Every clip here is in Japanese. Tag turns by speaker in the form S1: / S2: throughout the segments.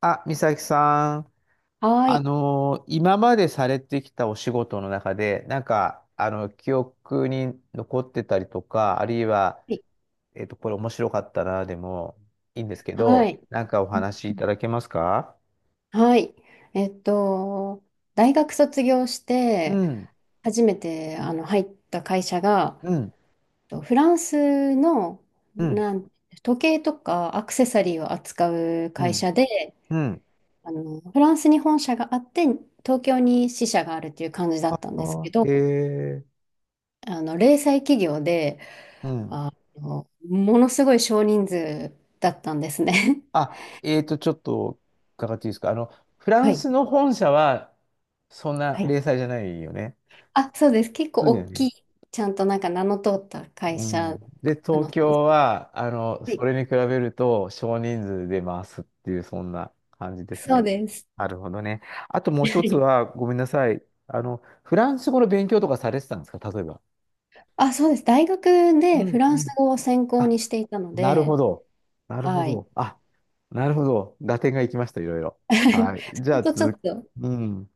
S1: あ、美咲さん、
S2: はい。
S1: 今までされてきたお仕事の中で、記憶に残ってたりとか、あるいは、これ面白かったな、でもいいんですけ
S2: は
S1: ど、
S2: い。
S1: なんかお話いただけますか？
S2: はい。えっと、大学卒業し
S1: う
S2: て、
S1: ん、
S2: 初めて入った会社が、
S1: うん、
S2: フランスの
S1: うん、
S2: なん時計とかアクセサリーを扱う
S1: う
S2: 会
S1: ん、
S2: 社で、
S1: うん。
S2: フランスに本社があって、東京に支社があるっていう感じだ
S1: あ
S2: ったんですけ
S1: ー、
S2: ど、
S1: へー。
S2: 零細企業で、
S1: うん。
S2: あものすごい少人数だったんですね。
S1: あ、ちょっと伺っていいですか？フラ
S2: は
S1: ン
S2: い。
S1: スの本社は、そんな
S2: はい、
S1: 零細じゃないよね。
S2: あ、そうです。結構
S1: そうだよ
S2: 大
S1: ね。
S2: きい、ちゃんとなんか名の通った会
S1: う
S2: 社、
S1: ん。で、
S2: あ
S1: 東
S2: の、
S1: 京は、
S2: は
S1: そ
S2: い、
S1: れに比べると少人数で回すっていう、そんな感じです
S2: そう
S1: ね。
S2: です。
S1: なるほどね。あともう一つ は、ごめんなさい。フランス語の勉強とかされてたんですか、例えば。
S2: あ、そうです。大学
S1: う
S2: でフ
S1: ん
S2: ラ
S1: う
S2: ンス
S1: ん。
S2: 語を専攻
S1: あ、
S2: にしていたの
S1: なるほ
S2: で、
S1: ど。なるほ
S2: はい。
S1: ど。あ、なるほど。合点がいきました、いろいろ。はい。じ
S2: そ
S1: ゃ
S2: れ
S1: あ、
S2: とちょっ
S1: 続き、
S2: と
S1: うん。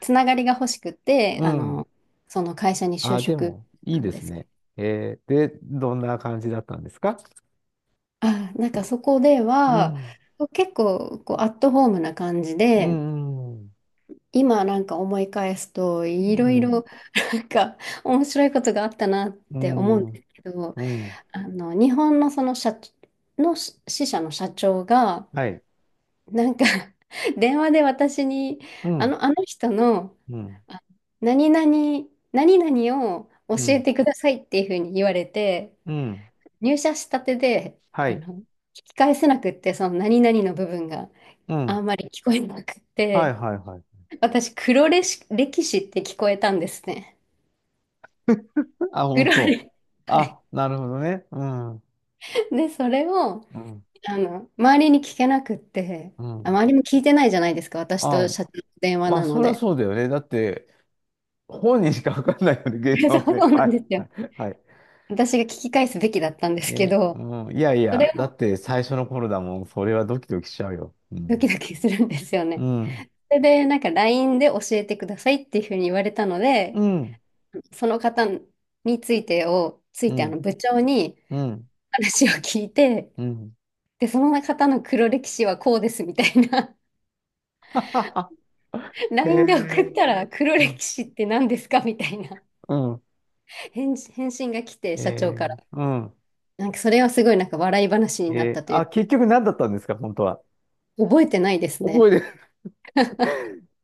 S2: つながりが欲しくて、
S1: うん。
S2: その会社に就
S1: あ、で
S2: 職
S1: も、いい
S2: なん
S1: で
S2: で
S1: す
S2: すけ
S1: ね。
S2: ど。
S1: えー、で、どんな感じだったんですか？
S2: あ、なんかそこで
S1: う
S2: は、
S1: ん。
S2: 結構こうアットホームな感じ
S1: う
S2: で、
S1: ん。
S2: 今なんか思い返すと
S1: う
S2: いろい
S1: ん。
S2: ろなんか面白いことがあったなっ
S1: う
S2: て思うん
S1: ん、
S2: ですけど、
S1: うん、
S2: 日本のその社の支社の社長が
S1: はい、
S2: なんか 電話で私に
S1: うん、
S2: あの人の
S1: うん、
S2: あ何々、何々を教
S1: う
S2: え
S1: ん、
S2: てくださいっていうふうに言われて
S1: うん、
S2: 入社したてで
S1: はい、
S2: 聞き返せなくってその何々の部分が
S1: う
S2: あ
S1: ん、
S2: んまり聞こえなくっ
S1: はい、
S2: て。
S1: はい、はい。
S2: 私、黒歴史歴史って聞こえたんですね。
S1: あ、
S2: 黒
S1: 本当。
S2: 歴はい。
S1: あ、なるほどね。うん、う
S2: で、それを、
S1: ん、
S2: 周りに聞けなくって、
S1: う
S2: あ、
S1: ん。
S2: 周りも聞いてないじゃないですか、私と
S1: あ、
S2: 社長の電話
S1: まあ、
S2: なの
S1: そりゃ
S2: で。
S1: そうだよね。だって、本人しかわかんないよね、ゲーム は
S2: そう
S1: ね。
S2: な
S1: は
S2: んで
S1: い、
S2: す
S1: は
S2: よ。
S1: い、はい。
S2: 私が聞き返すべきだったんですけ
S1: ね、
S2: ど、
S1: うん、いやい
S2: それ
S1: や、だ
S2: を
S1: って最初の頃だもん。それはドキドキしちゃうよ。う
S2: ドキ
S1: ん、
S2: ドキするんですよ
S1: う
S2: ね。
S1: ん、
S2: それで、なんか LINE で教えてくださいっていうふうに言われたの
S1: う
S2: で、
S1: ん、
S2: その方についてを、つ
S1: う
S2: いて
S1: ん、
S2: 部長に
S1: うん、
S2: 話を聞いて、
S1: うん。
S2: で、その方の黒歴史はこうですみたいな
S1: はははへえ、
S2: LINE で送ったら黒
S1: うん、
S2: 歴史って何ですかみたいな
S1: うん、
S2: 返事、返信が来て、
S1: へ
S2: 社長
S1: え、
S2: から。
S1: うん。
S2: なんかそれはすごいなんか笑い話になっ
S1: えー、
S2: たとい
S1: あ、
S2: う。
S1: 結局何だったんですか、本当は。
S2: 覚えてないです
S1: 覚
S2: ね。
S1: えて、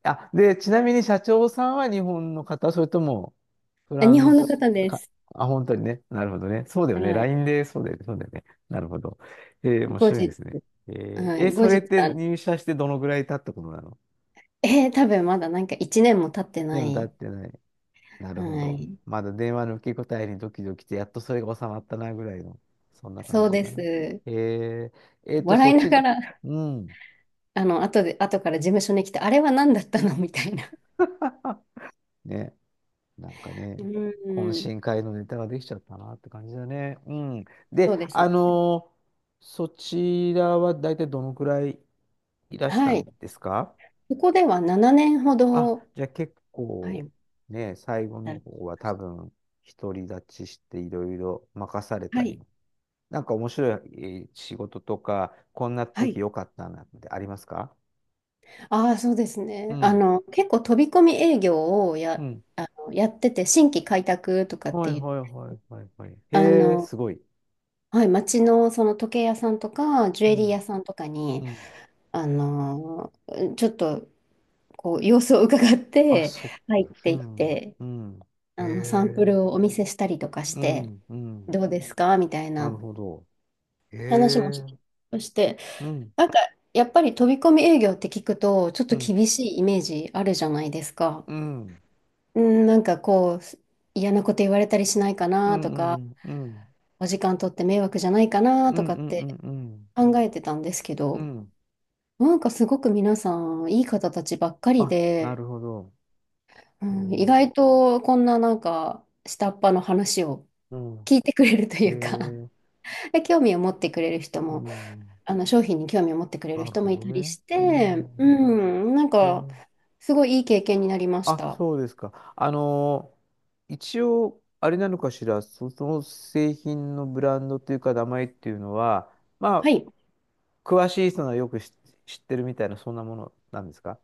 S1: あ、で、ちなみに社長さんは日本の方、それともフ
S2: あ、
S1: ラ
S2: 日
S1: ン
S2: 本の
S1: ス
S2: 方で
S1: か、
S2: す。
S1: あ、本当にね。なるほどね。そうだよね。
S2: はい。
S1: LINE で、そうだよね。そうだよね。なるほど。えー、面
S2: 後
S1: 白いで
S2: 日、
S1: すね。えー、
S2: はい。
S1: え
S2: 後
S1: それっ
S2: 日、
S1: て入社してどのぐらい経ったことなの？
S2: 多分まだなんか1年も経って
S1: で
S2: な
S1: も経っ
S2: い。
S1: てない。なるほ
S2: は
S1: ど。
S2: い。
S1: まだ電話の受け答えにドキドキして、やっとそれが収まったなぐらいの、そんな
S2: そ
S1: 感
S2: う
S1: じ
S2: で
S1: かな。
S2: す。
S1: えー、
S2: 笑
S1: そっ
S2: いなが
S1: ち、
S2: ら、
S1: うん。
S2: 後で、後から事務所に来て、あれは何だったのみたいな。
S1: ね。なんかね、
S2: う
S1: 懇
S2: ん。
S1: 親会のネタができちゃったなって感じだね。うん。
S2: そ
S1: で、
S2: うですね。
S1: そちらは大体どのくらいいらした
S2: はい。
S1: んですか？
S2: ここでは7年ほ
S1: あ、
S2: ど、
S1: じゃあ結
S2: は
S1: 構
S2: い、
S1: ね、最後の
S2: 働
S1: 方
S2: き
S1: は
S2: ま
S1: 多
S2: し
S1: 分独り立ちしていろいろ任され
S2: た。
S1: た
S2: は
S1: り
S2: い。
S1: も。なんか面白い、えー仕事とか、こんな
S2: はい。
S1: 時良かったなってありますか？
S2: ああ、そうです
S1: う
S2: ね。
S1: ん。
S2: 結構飛び込み営業を
S1: う
S2: や、
S1: ん。
S2: あの、やってて、新規開拓とかっ
S1: は
S2: て
S1: い
S2: いう、
S1: はいはいはいはい。
S2: あ
S1: へえ、
S2: の、
S1: すごい。
S2: はい、街のその時計屋さんとか、ジュ
S1: う
S2: エリー
S1: ん。
S2: 屋さんとかに、
S1: うん。
S2: あの、ちょっと、こう、様子を伺っ
S1: あ、
S2: て、
S1: そっか。
S2: 入っ
S1: う
S2: ていっ
S1: ん、
S2: て、
S1: うん。へ
S2: サンプ
S1: え、
S2: ルをお見せしたりとかし
S1: う
S2: て、
S1: ん、うん。
S2: どうですかみたい
S1: なる
S2: な
S1: ほど。へ
S2: 話もし
S1: え、
S2: して、
S1: うん、
S2: なんか、やっぱり飛び込み営業って聞くと、ちょっと
S1: うん、
S2: 厳しいイメージあるじゃないですか。
S1: うん、
S2: うん、なんかこう、嫌なこと言われたりしないか
S1: う
S2: な
S1: ん、
S2: と
S1: う
S2: か、
S1: ん、うん、うん、
S2: お時間取って迷惑じゃないかな
S1: う
S2: と
S1: ん、う
S2: かって
S1: ん、うん。
S2: 考えてたんですけ
S1: う
S2: ど、
S1: ん、
S2: なんかすごく皆さん、いい方たちばっかり
S1: あ、な
S2: で、
S1: るほど。
S2: う
S1: へ
S2: ん、意
S1: え、
S2: 外とこんななんか下っ端の話を
S1: うん、
S2: 聞いてくれると
S1: へ
S2: いうか
S1: え、
S2: で興味を持ってくれる人
S1: う
S2: も、
S1: ん。
S2: あの商品に興味を持ってくれる
S1: なる
S2: 人
S1: ほ
S2: もい
S1: ど
S2: たり
S1: ね。
S2: し
S1: う
S2: て、う
S1: ん、
S2: ん、なん
S1: へ
S2: か
S1: え。
S2: すごいいい経験になりまし
S1: あ、
S2: た。
S1: そうですか。一応、あれなのかしら、そ、その製品のブランドというか、名前っていうのは、ま
S2: は
S1: あ、
S2: い。
S1: 詳しい人がよく知、知ってるみたいな、そんなものなんですか？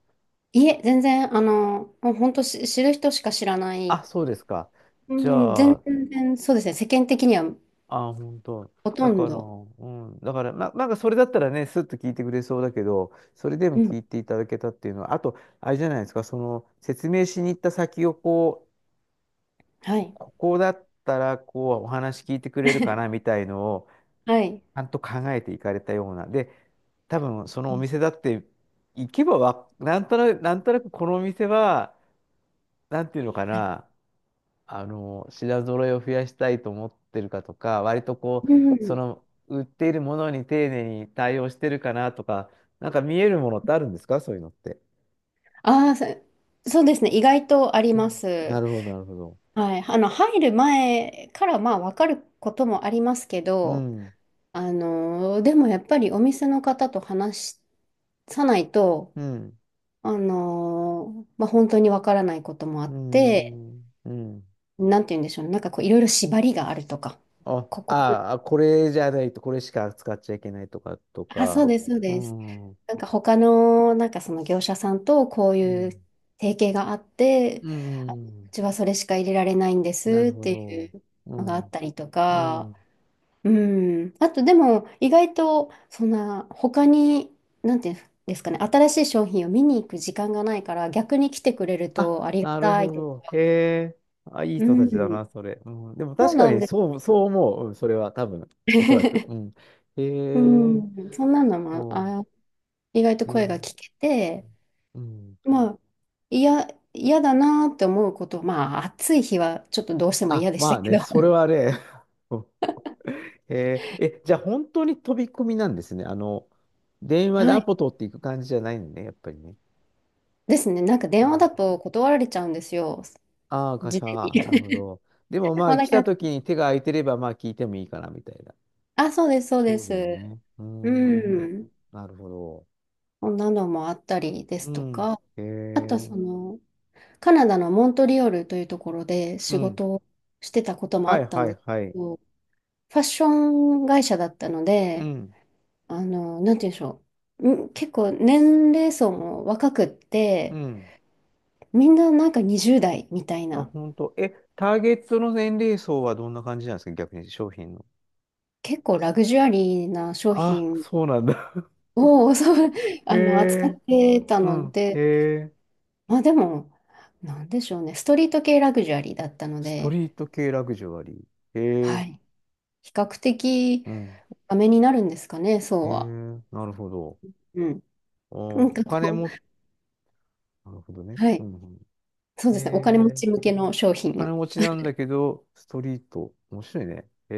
S2: いえ、全然、もう本当知る人しか知らない、
S1: あ、そうですか。
S2: う
S1: じ
S2: ん、
S1: ゃ
S2: 全
S1: あ、
S2: 然そうですね。世間的には
S1: あ、本当。
S2: ほと
S1: だ
S2: ん
S1: から、
S2: ど。
S1: うん。だから、ま、なんかそれだったらね、スッと聞いてくれそうだけど、それでも
S2: うん。
S1: 聞いていただけたっていうのは、あと、あれじゃないですか、その、説明しに行った先をこ、
S2: はい。
S1: ここだったらこうお話聞いてくれるかな みたいのを
S2: はい。
S1: ちゃんと考えていかれたような。で、多分そのお店だって行けばわ、なんとなく、なんとなくこのお店は、なんていうのか
S2: はい、
S1: な、品揃えを増やしたいと思ってるかとか、割とこ
S2: う
S1: う、そ
S2: ん。
S1: の売っているものに丁寧に対応してるかなとか、なんか見えるものってあるんですか、そういうのって。
S2: ああ、そうですね。意外とあり
S1: う
S2: ま
S1: ん、な
S2: す。
S1: るほど、なるほど。
S2: はい。入る前からまあ分かることもありますけ
S1: う
S2: ど、
S1: ん、
S2: でもやっぱりお店の方と話さないと、
S1: うん、
S2: まあ本当に分からないこともあ
S1: う
S2: って、
S1: ん、うん。
S2: なんて言うんでしょうね。なんかこういろいろ縛りがあるとか。
S1: あ、
S2: ここ、
S1: ああ、これじゃないと、これしか使っちゃいけないとか、と
S2: あ、そう
S1: か。
S2: です、そう
S1: う
S2: です。
S1: ん。う
S2: なんか他の、なんかその業者さんとこういう
S1: ん。
S2: 提携があって、
S1: う
S2: あ、う
S1: ん。
S2: ちはそれしか入れられないんで
S1: なる
S2: すっ
S1: ほ
S2: てい
S1: ど。
S2: う
S1: う
S2: のがあっ
S1: ん。
S2: たりと
S1: う
S2: か、
S1: ん。
S2: うん。あとでも意外とそんな他に、なんていうんですかね、新しい商品を見に行く時間がないから逆に来てくれる
S1: あ、
S2: とありが
S1: なる
S2: たい
S1: ほ
S2: と
S1: ど。
S2: か。
S1: へえ。あ、いい
S2: う
S1: 人たちだ
S2: ん。
S1: な、それ。うん。でも
S2: そう
S1: 確か
S2: なん
S1: に、
S2: で
S1: そう、そう思う。うん、それは多分、
S2: す。
S1: おそらく。う ん。
S2: う
S1: へえ。
S2: ん。そんなのも、
S1: そ
S2: あ、意外と
S1: う。ね。
S2: 声が聞けて、
S1: うん。
S2: まあ、いや、嫌だなーって思うこと、まあ、暑い日はちょっとどうしても嫌
S1: あ、
S2: でし
S1: ま
S2: た
S1: あ
S2: け
S1: ね、
S2: ど。
S1: それ はね、えー、え、じゃあ本当に飛び込みなんですね。電話で
S2: は
S1: ア
S2: い。
S1: ポ取っていく感じじゃないのね、やっぱりね。
S2: ですね。なんか電話だと断られちゃうんですよ。
S1: ああー、会
S2: 事
S1: 社、
S2: 前に。
S1: なるほど。でも ま
S2: もう
S1: あ、来
S2: だか
S1: た
S2: ら、
S1: 時に手が空いてれば、まあ、聞いてもいいかな、みたいな。
S2: あ、そうです、そうで
S1: そうだよ
S2: す。
S1: ね。うー
S2: う
S1: ん。
S2: ん。
S1: なるほど。
S2: こんなのもあったりで
S1: う
S2: すと
S1: ん。
S2: か、
S1: へ
S2: あと
S1: え。
S2: その、カナダのモントリオールというところで
S1: う
S2: 仕
S1: ん。
S2: 事をしてたこともあ
S1: はい
S2: った
S1: は
S2: んで
S1: い
S2: す
S1: はい。
S2: けど、ファッション会社だったの
S1: う
S2: で、
S1: ん。
S2: なんて言うんでしょう。うん、結構年齢層も若くっ
S1: う
S2: て、
S1: ん。
S2: みんななんか20代みたい
S1: あ、
S2: な、
S1: 本当。え、ターゲットの年齢層はどんな感じなんですか、逆に商品の。
S2: 結構ラグジュアリーな商
S1: あ、
S2: 品
S1: そうなんだ。
S2: を そう、
S1: へ
S2: 扱っ
S1: え。
S2: てた
S1: う
S2: の
S1: ん。へ
S2: で、
S1: え。
S2: まあでも、なんでしょうね、ストリート系ラグジュアリーだったの
S1: スト
S2: で、
S1: リート系ラグジュアリー。へ
S2: は
S1: え、
S2: い、比較的
S1: うん。
S2: ダメになるんですかね、そ
S1: へ
S2: うは。
S1: え、なるほど。
S2: うん。なん
S1: お、
S2: か
S1: お金
S2: こ
S1: も、
S2: う、
S1: なるほどね。
S2: は
S1: う
S2: い、
S1: んうん。
S2: そう
S1: へ
S2: ですね、お金持
S1: え、
S2: ち向けの商
S1: お金
S2: 品。
S1: 持ちなんだけど、ストリート。面白いね。へ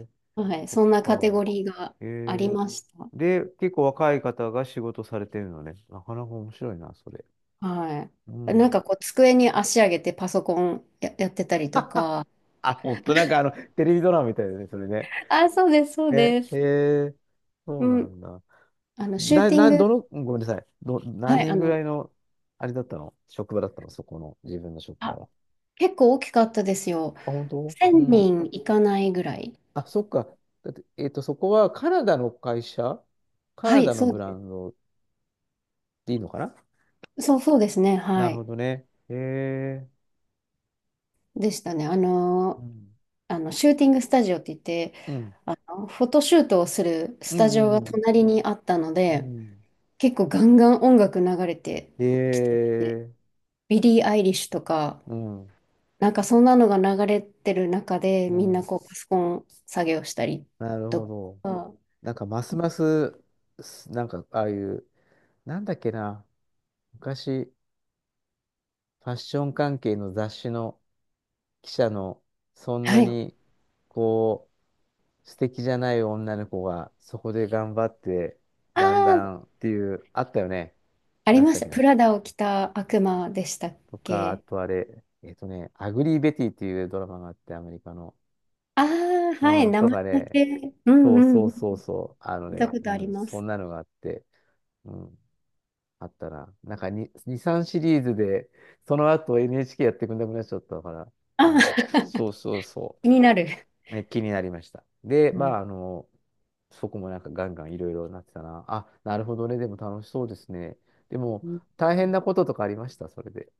S1: え、
S2: はい、
S1: そっ
S2: そんなカテゴ
S1: か。
S2: リーが
S1: へ
S2: あり
S1: え。
S2: ました。
S1: で、結構若い方が仕事されてるのね。なかなか面白いな、それ。
S2: は
S1: う
S2: い。なん
S1: ん。
S2: かこう、机に足上げてパソコンや、やってたりとか、
S1: あ、ほんと、なんかあの、テレビドラマみたいだね、それね。
S2: あ、そうです、そう
S1: ね、
S2: で
S1: へ
S2: す。
S1: え、そ
S2: う
S1: うな
S2: ん、
S1: んだ。
S2: シュー
S1: な、
S2: ティン
S1: な、ど
S2: グ、
S1: の、ごめんなさい。ど、何
S2: はい、
S1: 人ぐらいの、あれだったの職場だったのそこの、自分の職場
S2: あ、
S1: は。
S2: 結構大きかったですよ。
S1: あ、本当、う
S2: 1000
S1: ん。
S2: 人いかないぐらい。
S1: あ、そっか。だって、そこはカナダの会社、カ
S2: は
S1: ナ
S2: い、
S1: ダの
S2: そう
S1: ブラ
S2: で
S1: ンドでいいのかな？
S2: す。そうですね、
S1: な
S2: は
S1: る
S2: い。
S1: ほどね。へえ。
S2: でしたね。
S1: うん。
S2: シューティングスタジオって言って、
S1: うん。
S2: フォトシュートをするス
S1: う
S2: タジオが
S1: ん。うん、
S2: 隣にあったの
S1: う
S2: で、
S1: ん。
S2: 結構ガンガン音楽流れて
S1: へ
S2: きてて、
S1: え。
S2: ビリー・アイリッシュとか、
S1: うん。
S2: なんかそんなのが流れてる中で、
S1: う
S2: みんな
S1: ん。
S2: こうパソコン作業したり
S1: なる
S2: と
S1: ほ
S2: か、
S1: ど。なんか、ますます、す、なんか、ああいう、なんだっけな。昔、ファッション関係の雑誌の、記者の、そんな
S2: はい。あ
S1: に、こう、素敵じゃない女の子が、そこで頑張って、だんだ
S2: あ、
S1: んっていう、あったよね。
S2: あ
S1: な
S2: り
S1: んつっ
S2: ま
S1: た
S2: し
S1: っ
S2: た。
S1: け
S2: プ
S1: な。
S2: ラダを着た悪魔でしたっ
S1: とか、あ
S2: け、
S1: とあれ、アグリー・ベティっていうドラマがあって、アメリカの。
S2: ああー、
S1: う
S2: はい、
S1: ん、
S2: 名
S1: と
S2: 前
S1: か
S2: だ
S1: ね、
S2: け。うん
S1: そ
S2: う
S1: うそ
S2: ん
S1: う
S2: うん。
S1: そうそう、あの
S2: 見た
S1: ね、
S2: ことあ
S1: う
S2: り
S1: ん、
S2: ま
S1: そ
S2: す。
S1: んなのがあって、うん、あったな。なんか2、2、3シリーズで、その後 NHK やってくんなくなっちゃったから、う
S2: あ
S1: ん、そ
S2: ー
S1: うそうそ
S2: 気になる。
S1: う。え、気になりました。で、
S2: う
S1: ま
S2: ん
S1: あ、そこもなんかガンガンいろいろなってたな。あ、なるほどね。でも楽しそうですね。でも、
S2: うん、
S1: 大変なこととかありました、それで、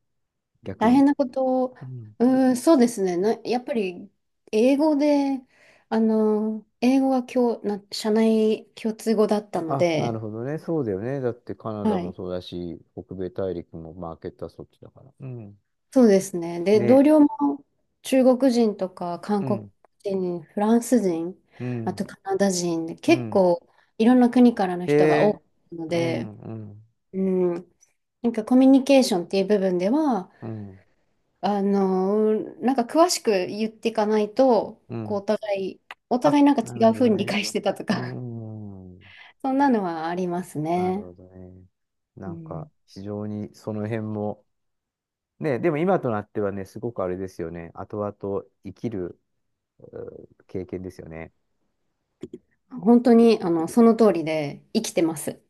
S1: 逆
S2: 大変
S1: に。
S2: なことを、
S1: うん。
S2: うん、そうですね。やっぱり、英語で、あの、英語が今日、社内共通語だったの
S1: あ、な
S2: で、
S1: るほどね。そうだよね。だってカナダ
S2: は
S1: も
S2: い。
S1: そうだし、北米大陸もマーケットはそっちだから。うん。
S2: そうですね。で、同
S1: ね。
S2: 僚も中国人とか韓
S1: う
S2: 国
S1: ん。
S2: 人、フランス人、
S1: う
S2: あ
S1: ん。
S2: とカナダ人で、
S1: う
S2: 結
S1: ん。
S2: 構いろんな国からの人が多
S1: え
S2: いの
S1: ー。う
S2: で、
S1: ん。うん。
S2: うん、なんかコミュニケーションっていう部分では、
S1: うん。
S2: あの、なんか詳しく言っていかないと、
S1: う
S2: こう
S1: ん。
S2: い、お互
S1: あ、
S2: いなんか
S1: な
S2: 違
S1: る
S2: う
S1: ほど
S2: 風に理
S1: ね。
S2: 解してたと
S1: う
S2: か、
S1: ん。
S2: そんなのはあります
S1: なる
S2: ね。
S1: ほどね。
S2: う
S1: なんか、
S2: ん、
S1: 非常にその辺も、ね、でも今となってはね、すごくあれですよね。後々生きるうー経験ですよね。
S2: 本当に、その通りで生きてます。